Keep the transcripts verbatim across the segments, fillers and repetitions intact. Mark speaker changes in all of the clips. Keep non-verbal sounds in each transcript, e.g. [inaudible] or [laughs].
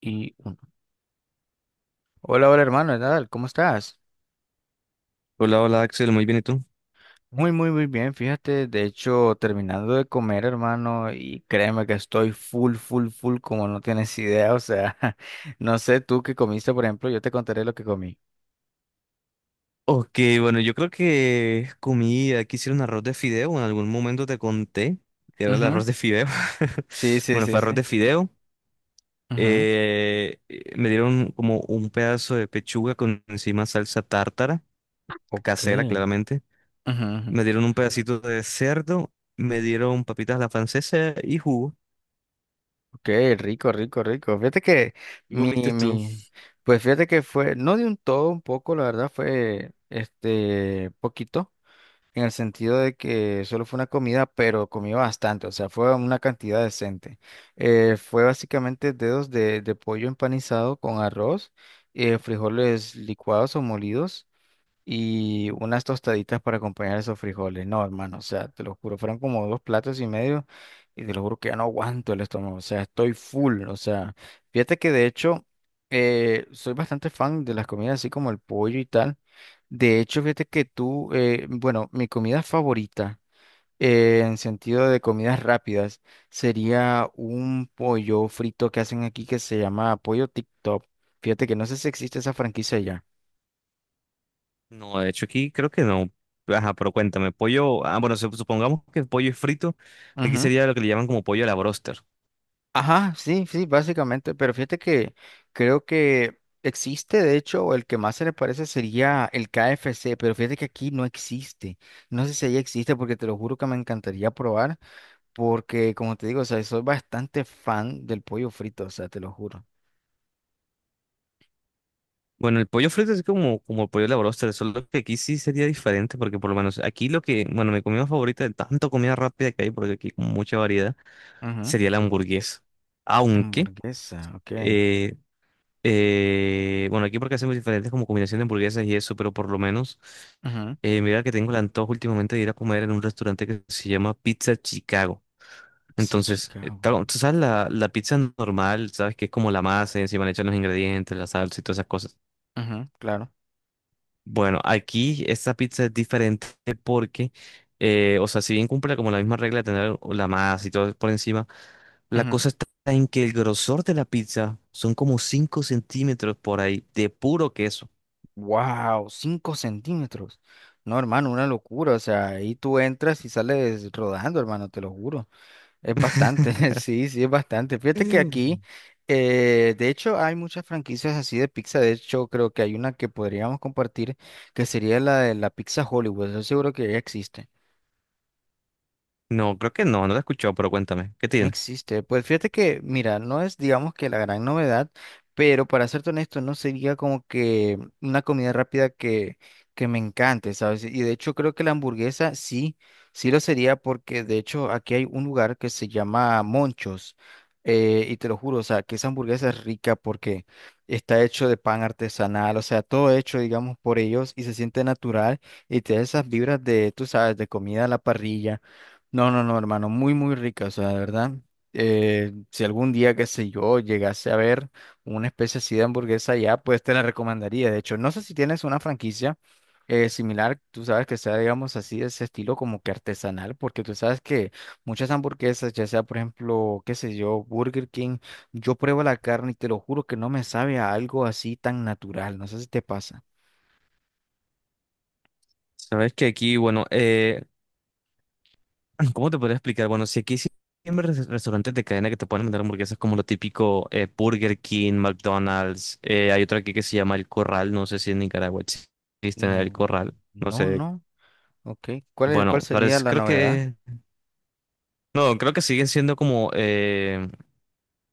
Speaker 1: Y hola, hola hermano, ¿qué tal? ¿Cómo estás?
Speaker 2: Hola, hola Axel, muy bien, ¿y tú?
Speaker 1: Muy, muy, muy bien, fíjate, de hecho, terminando de comer, hermano, y créeme que estoy full, full, full, como no tienes [laughs] idea, o sea, [laughs] no sé tú qué comiste, por ejemplo, yo te contaré lo que comí.
Speaker 2: Ok, bueno, yo creo que comí, aquí hicieron arroz de fideo, en algún momento te conté que era el
Speaker 1: Ujú.
Speaker 2: arroz de fideo.
Speaker 1: Sí,
Speaker 2: [laughs]
Speaker 1: sí,
Speaker 2: Bueno,
Speaker 1: sí,
Speaker 2: fue arroz
Speaker 1: sí.
Speaker 2: de fideo.
Speaker 1: Ujú.
Speaker 2: Eh, eh, me dieron como un pedazo de pechuga con encima salsa tártara,
Speaker 1: Ok.
Speaker 2: casera claramente.
Speaker 1: Ujú, ujú.
Speaker 2: Me dieron un pedacito de cerdo, me dieron papitas a la francesa y jugo.
Speaker 1: Ok, rico, rico, rico. Fíjate que
Speaker 2: ¿Y
Speaker 1: mi,
Speaker 2: comiste tú?
Speaker 1: mi, pues fíjate que fue, no de un todo, un poco, la verdad, fue, este, poquito, en el sentido de que solo fue una comida, pero comí bastante, o sea, fue una cantidad decente. Eh, fue básicamente dedos de, de pollo empanizado con arroz, eh, frijoles licuados o molidos y unas tostaditas para acompañar esos frijoles. No, hermano, o sea, te lo juro, fueron como dos platos y medio y te lo juro que ya no aguanto el estómago, o sea, estoy full, o sea, fíjate que de hecho eh, soy bastante fan de las comidas así como el pollo y tal. De hecho, fíjate que tú, eh, bueno, mi comida favorita eh, en sentido de comidas rápidas sería un pollo frito que hacen aquí que se llama pollo TikTok. Fíjate que no sé si existe esa franquicia ya.
Speaker 2: No, de hecho aquí creo que no. Ajá, pero cuéntame, pollo, ah, bueno, sup- supongamos que el pollo es frito, aquí sería lo que le llaman como pollo a la broster.
Speaker 1: Ajá, sí, sí, básicamente, pero fíjate que creo que existe, de hecho, el que más se le parece sería el K F C, pero fíjate que aquí no existe. No sé si allá existe porque te lo juro que me encantaría probar, porque como te digo, o sea, soy bastante fan del pollo frito, o sea, te lo juro.
Speaker 2: Bueno, el pollo frito es como, como el pollo a la broster, solo que aquí sí sería diferente, porque por lo menos aquí lo que, bueno, mi comida favorita de tanto comida rápida que hay, porque aquí hay como mucha variedad,
Speaker 1: Ujú.
Speaker 2: sería la hamburguesa. Aunque,
Speaker 1: Hamburguesa, ok.
Speaker 2: eh, eh, bueno, aquí porque hacemos diferentes como combinación de hamburguesas y eso, pero por lo menos,
Speaker 1: Ujú.
Speaker 2: eh, mira que tengo el antojo últimamente de ir a comer en un restaurante que se llama Pizza Chicago.
Speaker 1: Pizza
Speaker 2: Entonces, eh,
Speaker 1: Chicago.
Speaker 2: ta- tú sabes la, la pizza normal, sabes que es como la masa y encima le echan los ingredientes, la salsa y todas esas cosas.
Speaker 1: Ujú, claro.
Speaker 2: Bueno, aquí esta pizza es diferente porque, eh, o sea, si bien cumple como la misma regla de tener la masa y todo por encima, la
Speaker 1: Ujú.
Speaker 2: cosa está en que el grosor de la pizza son como cinco centímetros por ahí de puro queso.
Speaker 1: Wow, cinco centímetros. No, hermano, una locura. O sea, ahí tú entras y sales rodando, hermano, te lo juro. Es bastante, [laughs]
Speaker 2: [laughs]
Speaker 1: sí, sí, es bastante. Fíjate que
Speaker 2: Mm.
Speaker 1: aquí, eh, de hecho, hay muchas franquicias así de pizza. De hecho, creo que hay una que podríamos compartir, que sería la de la pizza Hollywood. Estoy seguro que ya existe.
Speaker 2: No, creo que no, no la he escuchado, pero cuéntame, ¿qué
Speaker 1: No
Speaker 2: tiene?
Speaker 1: existe. Pues fíjate que, mira, no es, digamos que la gran novedad, pero para serte honesto, no sería como que una comida rápida que, que me encante, ¿sabes? Y de hecho creo que la hamburguesa sí, sí lo sería porque de hecho aquí hay un lugar que se llama Monchos. Eh, y te lo juro, o sea, que esa hamburguesa es rica porque está hecho de pan artesanal, o sea, todo hecho, digamos, por ellos y se siente natural y te da esas vibras de, tú sabes, de comida a la parrilla. No, no, no, hermano, muy, muy rica, o sea, de verdad. Eh, si algún día, qué sé yo, llegase a ver una especie así de hamburguesa allá, pues te la recomendaría. De hecho, no sé si tienes una franquicia eh, similar, tú sabes que sea, digamos, así de ese estilo como que artesanal, porque tú sabes que muchas hamburguesas, ya sea, por ejemplo, qué sé yo, Burger King, yo pruebo la carne y te lo juro que no me sabe a algo así tan natural. No sé si te pasa.
Speaker 2: Sabes que aquí, bueno, eh, ¿cómo te podría explicar? Bueno, si aquí siempre res- restaurantes de cadena que te pueden vender hamburguesas como lo típico, eh, Burger King, McDonald's, eh, hay otro aquí que se llama El Corral, no sé si en Nicaragua existe El
Speaker 1: Mm,
Speaker 2: Corral, no
Speaker 1: no,
Speaker 2: sé.
Speaker 1: no, ok. ¿Cuál es- cuál
Speaker 2: Bueno,
Speaker 1: sería
Speaker 2: parece,
Speaker 1: la
Speaker 2: creo
Speaker 1: novedad?
Speaker 2: que, no, creo que siguen siendo como eh,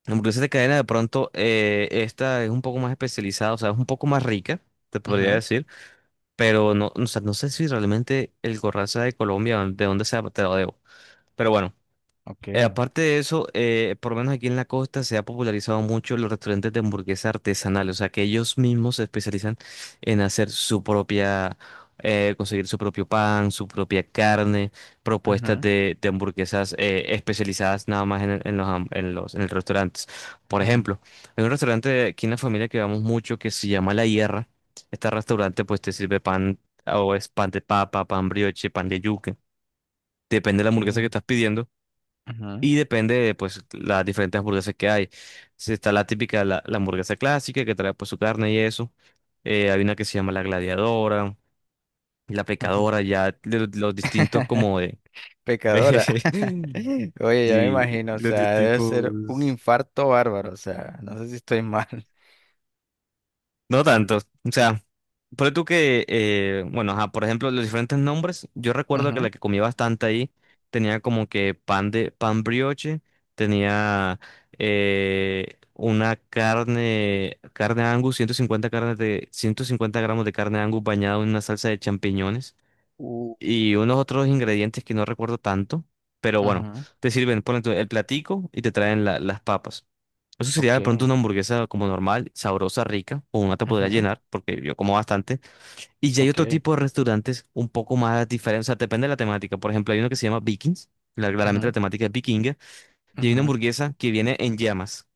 Speaker 2: hamburguesas de cadena, de pronto, eh, esta es un poco más especializada, o sea, es un poco más rica, te podría
Speaker 1: Ujú.
Speaker 2: decir, pero no, o sea, no sé si realmente El Corral sea de Colombia, de dónde sea, te lo debo. Pero bueno. Eh,
Speaker 1: Ok.
Speaker 2: aparte de eso, eh, por lo menos aquí en la costa se ha popularizado mucho los restaurantes de hamburguesa artesanal, o sea que ellos mismos se especializan en hacer su propia, eh, conseguir su propio pan, su propia carne, propuestas
Speaker 1: Ujú,
Speaker 2: de, de hamburguesas, eh, especializadas nada más en, el- en los, ham- en los, en los restaurantes. Por
Speaker 1: ujú.
Speaker 2: ejemplo, hay un restaurante de aquí en la familia que vamos mucho que se llama La Hierra. Este restaurante pues te sirve pan, o es pan de papa, pan brioche, pan de yuca, depende de la hamburguesa que
Speaker 1: ¿Qué?
Speaker 2: estás pidiendo.
Speaker 1: Ujú,
Speaker 2: Y depende de pues las diferentes hamburguesas que hay. Si está la típica, la, la hamburguesa clásica que trae pues su carne y eso. Eh, hay una que se llama la gladiadora, la
Speaker 1: ujú.
Speaker 2: pecadora, ya de los, distintos como de...
Speaker 1: Pecadora. [laughs]
Speaker 2: [laughs]
Speaker 1: Oye, ya me
Speaker 2: Sí,
Speaker 1: imagino, o
Speaker 2: los
Speaker 1: sea, debe ser un
Speaker 2: distintos.
Speaker 1: infarto bárbaro, o sea, no sé si estoy mal.
Speaker 2: No tanto. O sea, por tú que, eh, bueno, ajá, por ejemplo, los diferentes nombres, yo recuerdo que
Speaker 1: Ujú.
Speaker 2: la que comía bastante ahí tenía como que pan de pan brioche, tenía eh, una carne, carne Angus, 150, carne de ciento cincuenta gramos de carne Angus bañada en una salsa de champiñones
Speaker 1: Uh.
Speaker 2: y unos otros ingredientes que no recuerdo tanto, pero bueno,
Speaker 1: Ujú.
Speaker 2: te sirven, ponen tu- el platico y te traen la- las papas. Eso sería
Speaker 1: Ok.
Speaker 2: de pronto una hamburguesa como normal, sabrosa, rica, o una te podría
Speaker 1: Ujú.
Speaker 2: llenar, porque yo como bastante. Y ya hay otro
Speaker 1: Ok.
Speaker 2: tipo de restaurantes un poco más diferentes, o sea, depende de la temática. Por ejemplo, hay uno que se llama Vikings, la- claramente la
Speaker 1: Ujú,
Speaker 2: temática es vikinga, y hay
Speaker 1: ujú,
Speaker 2: una
Speaker 1: ujú.
Speaker 2: hamburguesa que viene en llamas.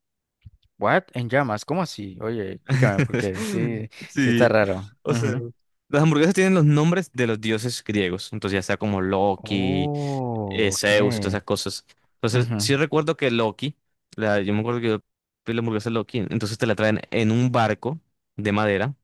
Speaker 1: What? En llamas, ¿cómo así? Oye, explícame porque
Speaker 2: [laughs]
Speaker 1: sí, sí está
Speaker 2: Sí,
Speaker 1: raro.
Speaker 2: o sea,
Speaker 1: Ujú.
Speaker 2: las hamburguesas tienen los nombres de los dioses griegos, entonces ya sea como Loki,
Speaker 1: Oh,
Speaker 2: eh,
Speaker 1: ok.
Speaker 2: Zeus y todas esas cosas. Entonces,
Speaker 1: Ujú.
Speaker 2: sí recuerdo que Loki, la, yo me acuerdo que yo pedí la hamburguesa de Loki, entonces te la traen en un barco de madera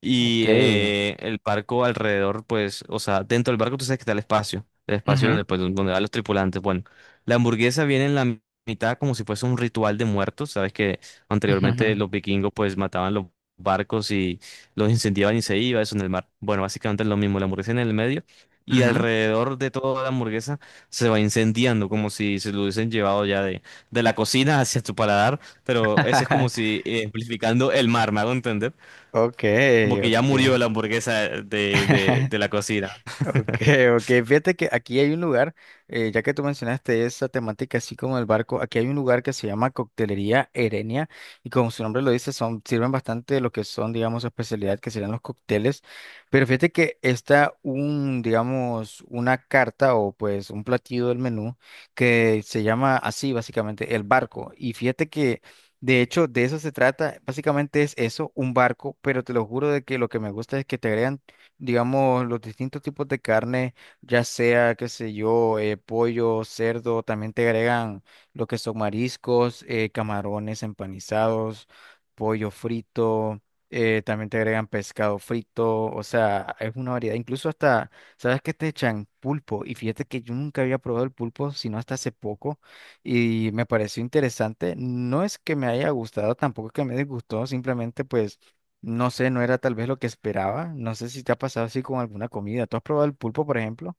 Speaker 2: y,
Speaker 1: Ok.
Speaker 2: eh, el barco alrededor, pues, o sea, dentro del barco tú sabes que está el espacio, el espacio
Speaker 1: Ujú,
Speaker 2: donde, pues, donde van los tripulantes. Bueno, la hamburguesa viene en la mi- mitad como si fuese un ritual de muertos. Sabes que
Speaker 1: ujú,
Speaker 2: anteriormente
Speaker 1: ujú.
Speaker 2: los vikingos, pues, mataban los barcos y los incendiaban y se iba eso en el mar. Bueno, básicamente es lo mismo, la hamburguesa en el medio y
Speaker 1: Ujú.
Speaker 2: alrededor de toda la hamburguesa se va incendiando como si se lo hubiesen llevado ya de, de la cocina hacia tu paladar, pero eso es como
Speaker 1: [laughs]
Speaker 2: si, eh, amplificando el mar, ¿me hago entender?
Speaker 1: Ok,
Speaker 2: Como que
Speaker 1: ok.
Speaker 2: ya murió la hamburguesa de, de, de
Speaker 1: [laughs]
Speaker 2: la cocina.
Speaker 1: Ok, ok. Fíjate que aquí hay un lugar, eh, ya que tú mencionaste esa temática así como el barco, aquí hay un lugar que se llama Coctelería Erenia y como su nombre lo dice, son, sirven bastante de lo que son, digamos, su especialidad, que serían los cócteles. Pero fíjate que está un, digamos, una carta o pues un platillo del menú que se llama así, básicamente, el barco. Y fíjate que... De hecho, de eso se trata. Básicamente es eso, un barco, pero te lo juro de que lo que me gusta es que te agregan, digamos, los distintos tipos de carne, ya sea, qué sé yo, eh, pollo, cerdo, también te agregan lo que son mariscos, eh, camarones empanizados, pollo frito, eh, también te agregan pescado frito, o sea, es una variedad, incluso hasta, ¿sabes qué te echan? Pulpo, y fíjate que yo nunca había probado el pulpo, sino hasta hace poco, y me pareció interesante, no es que me haya gustado, tampoco es que me disgustó, simplemente pues... No sé, no era tal vez lo que esperaba. No sé si te ha pasado así con alguna comida. ¿Tú has probado el pulpo, por ejemplo?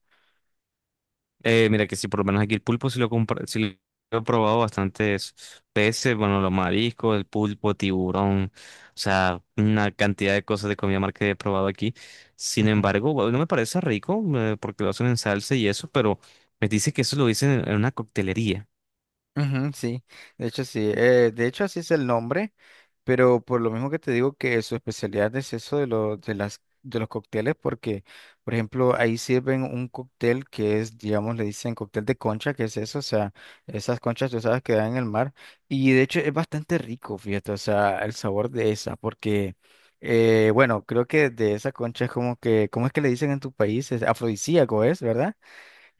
Speaker 2: Eh, mira que sí, por lo menos aquí el pulpo sí lo, compra- sí lo he probado, bastantes peces, bueno, los mariscos, el pulpo, tiburón, o sea, una cantidad de cosas de comida mar que he probado aquí. Sin embargo, bueno, no me parece rico, eh, porque lo hacen en salsa y eso, pero me dice que eso lo dicen en en una coctelería.
Speaker 1: Ujú, sí, de hecho sí, eh, de hecho así es el nombre, pero por lo mismo que te digo que su especialidad es eso de, lo- de, las, de los cócteles, porque por ejemplo ahí sirven un cóctel que es, digamos, le dicen cóctel de concha, que es eso, o sea, esas conchas tú sabes que dan en el mar, y de hecho es bastante rico, fíjate, o sea, el sabor de esa, porque eh, bueno, creo que de esa concha es como que, ¿cómo es que le dicen en tu país? Es afrodisíaco, ¿es, verdad?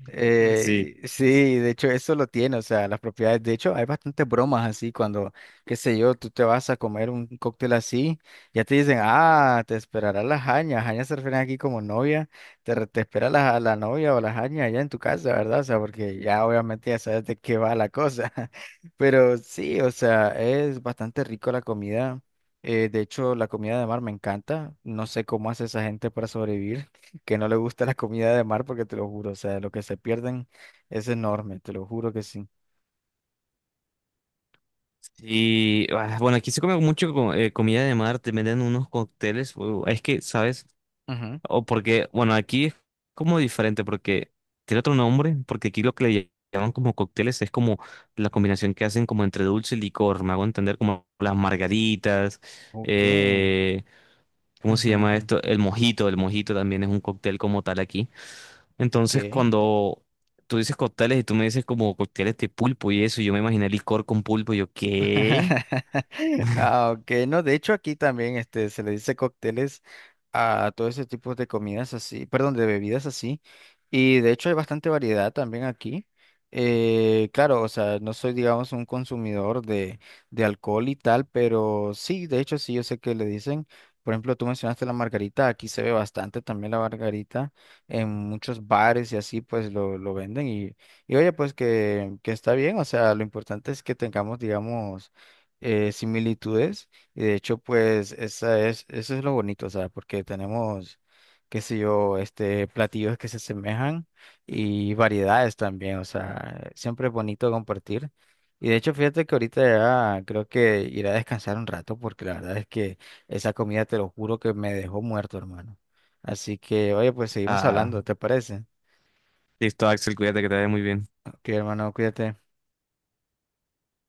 Speaker 2: [laughs] Sí.
Speaker 1: Eh, sí, de hecho eso lo tiene, o sea, las propiedades, de hecho hay bastantes bromas así cuando, qué sé yo, tú te vas a comer un cóctel así, ya te dicen, ah, te esperará la jaña, jaña se refieren aquí como novia, te, re- te espera la, la novia o la jaña allá en tu casa, ¿verdad? O sea, porque ya obviamente ya sabes de qué va la cosa, [laughs] pero sí, o sea, es bastante rico la comida, eh, de hecho la comida de mar me encanta, no sé cómo hace esa gente para sobrevivir que no le gusta la comida de mar porque te lo juro, o sea, lo que se pierden es enorme, te lo juro que sí.
Speaker 2: Y ah, bueno, aquí se come mucho co- eh, comida de mar, te venden unos cócteles, uh, es que, ¿sabes?
Speaker 1: Ujú.
Speaker 2: O porque, bueno, aquí es como diferente porque tiene otro nombre, porque aquí lo que le llaman como cócteles es como la combinación que hacen como entre dulce y licor, me hago entender como las margaritas,
Speaker 1: Ok.
Speaker 2: eh, ¿cómo se
Speaker 1: Ujú,
Speaker 2: llama
Speaker 1: ujú.
Speaker 2: esto? El mojito, el mojito también es un cóctel como tal aquí. Entonces,
Speaker 1: Ok.
Speaker 2: cuando tú dices cócteles y tú me dices como cócteles de pulpo y eso, yo me imaginé licor con pulpo, y yo, ¿qué?
Speaker 1: [laughs] Ah, ok, no, de hecho aquí también este, se le dice cócteles a todo ese tipo de comidas así, perdón, de bebidas así, y de hecho hay bastante variedad también aquí. Eh, claro, o sea, no soy, digamos, un consumidor de, de alcohol y tal, pero sí, de hecho sí, yo sé que le dicen, por ejemplo, tú mencionaste la margarita, aquí se ve bastante también la margarita, en muchos bares y así, pues lo, lo venden y oye, pues que, que está bien, o sea, lo importante es que tengamos, digamos, eh, similitudes. Y de hecho, pues, esa es, eso es lo bonito, o sea, porque tenemos, qué sé yo, este, platillos que se asemejan y variedades también, o sea, siempre es bonito compartir. Y de hecho, fíjate que ahorita ya creo que iré a descansar un rato, porque la verdad es que esa comida, te lo juro, que me dejó muerto, hermano. Así que, oye, pues seguimos
Speaker 2: Ah,
Speaker 1: hablando, ¿te parece?
Speaker 2: listo, Axel, cuídate que te vaya muy bien.
Speaker 1: Ok, hermano, cuídate.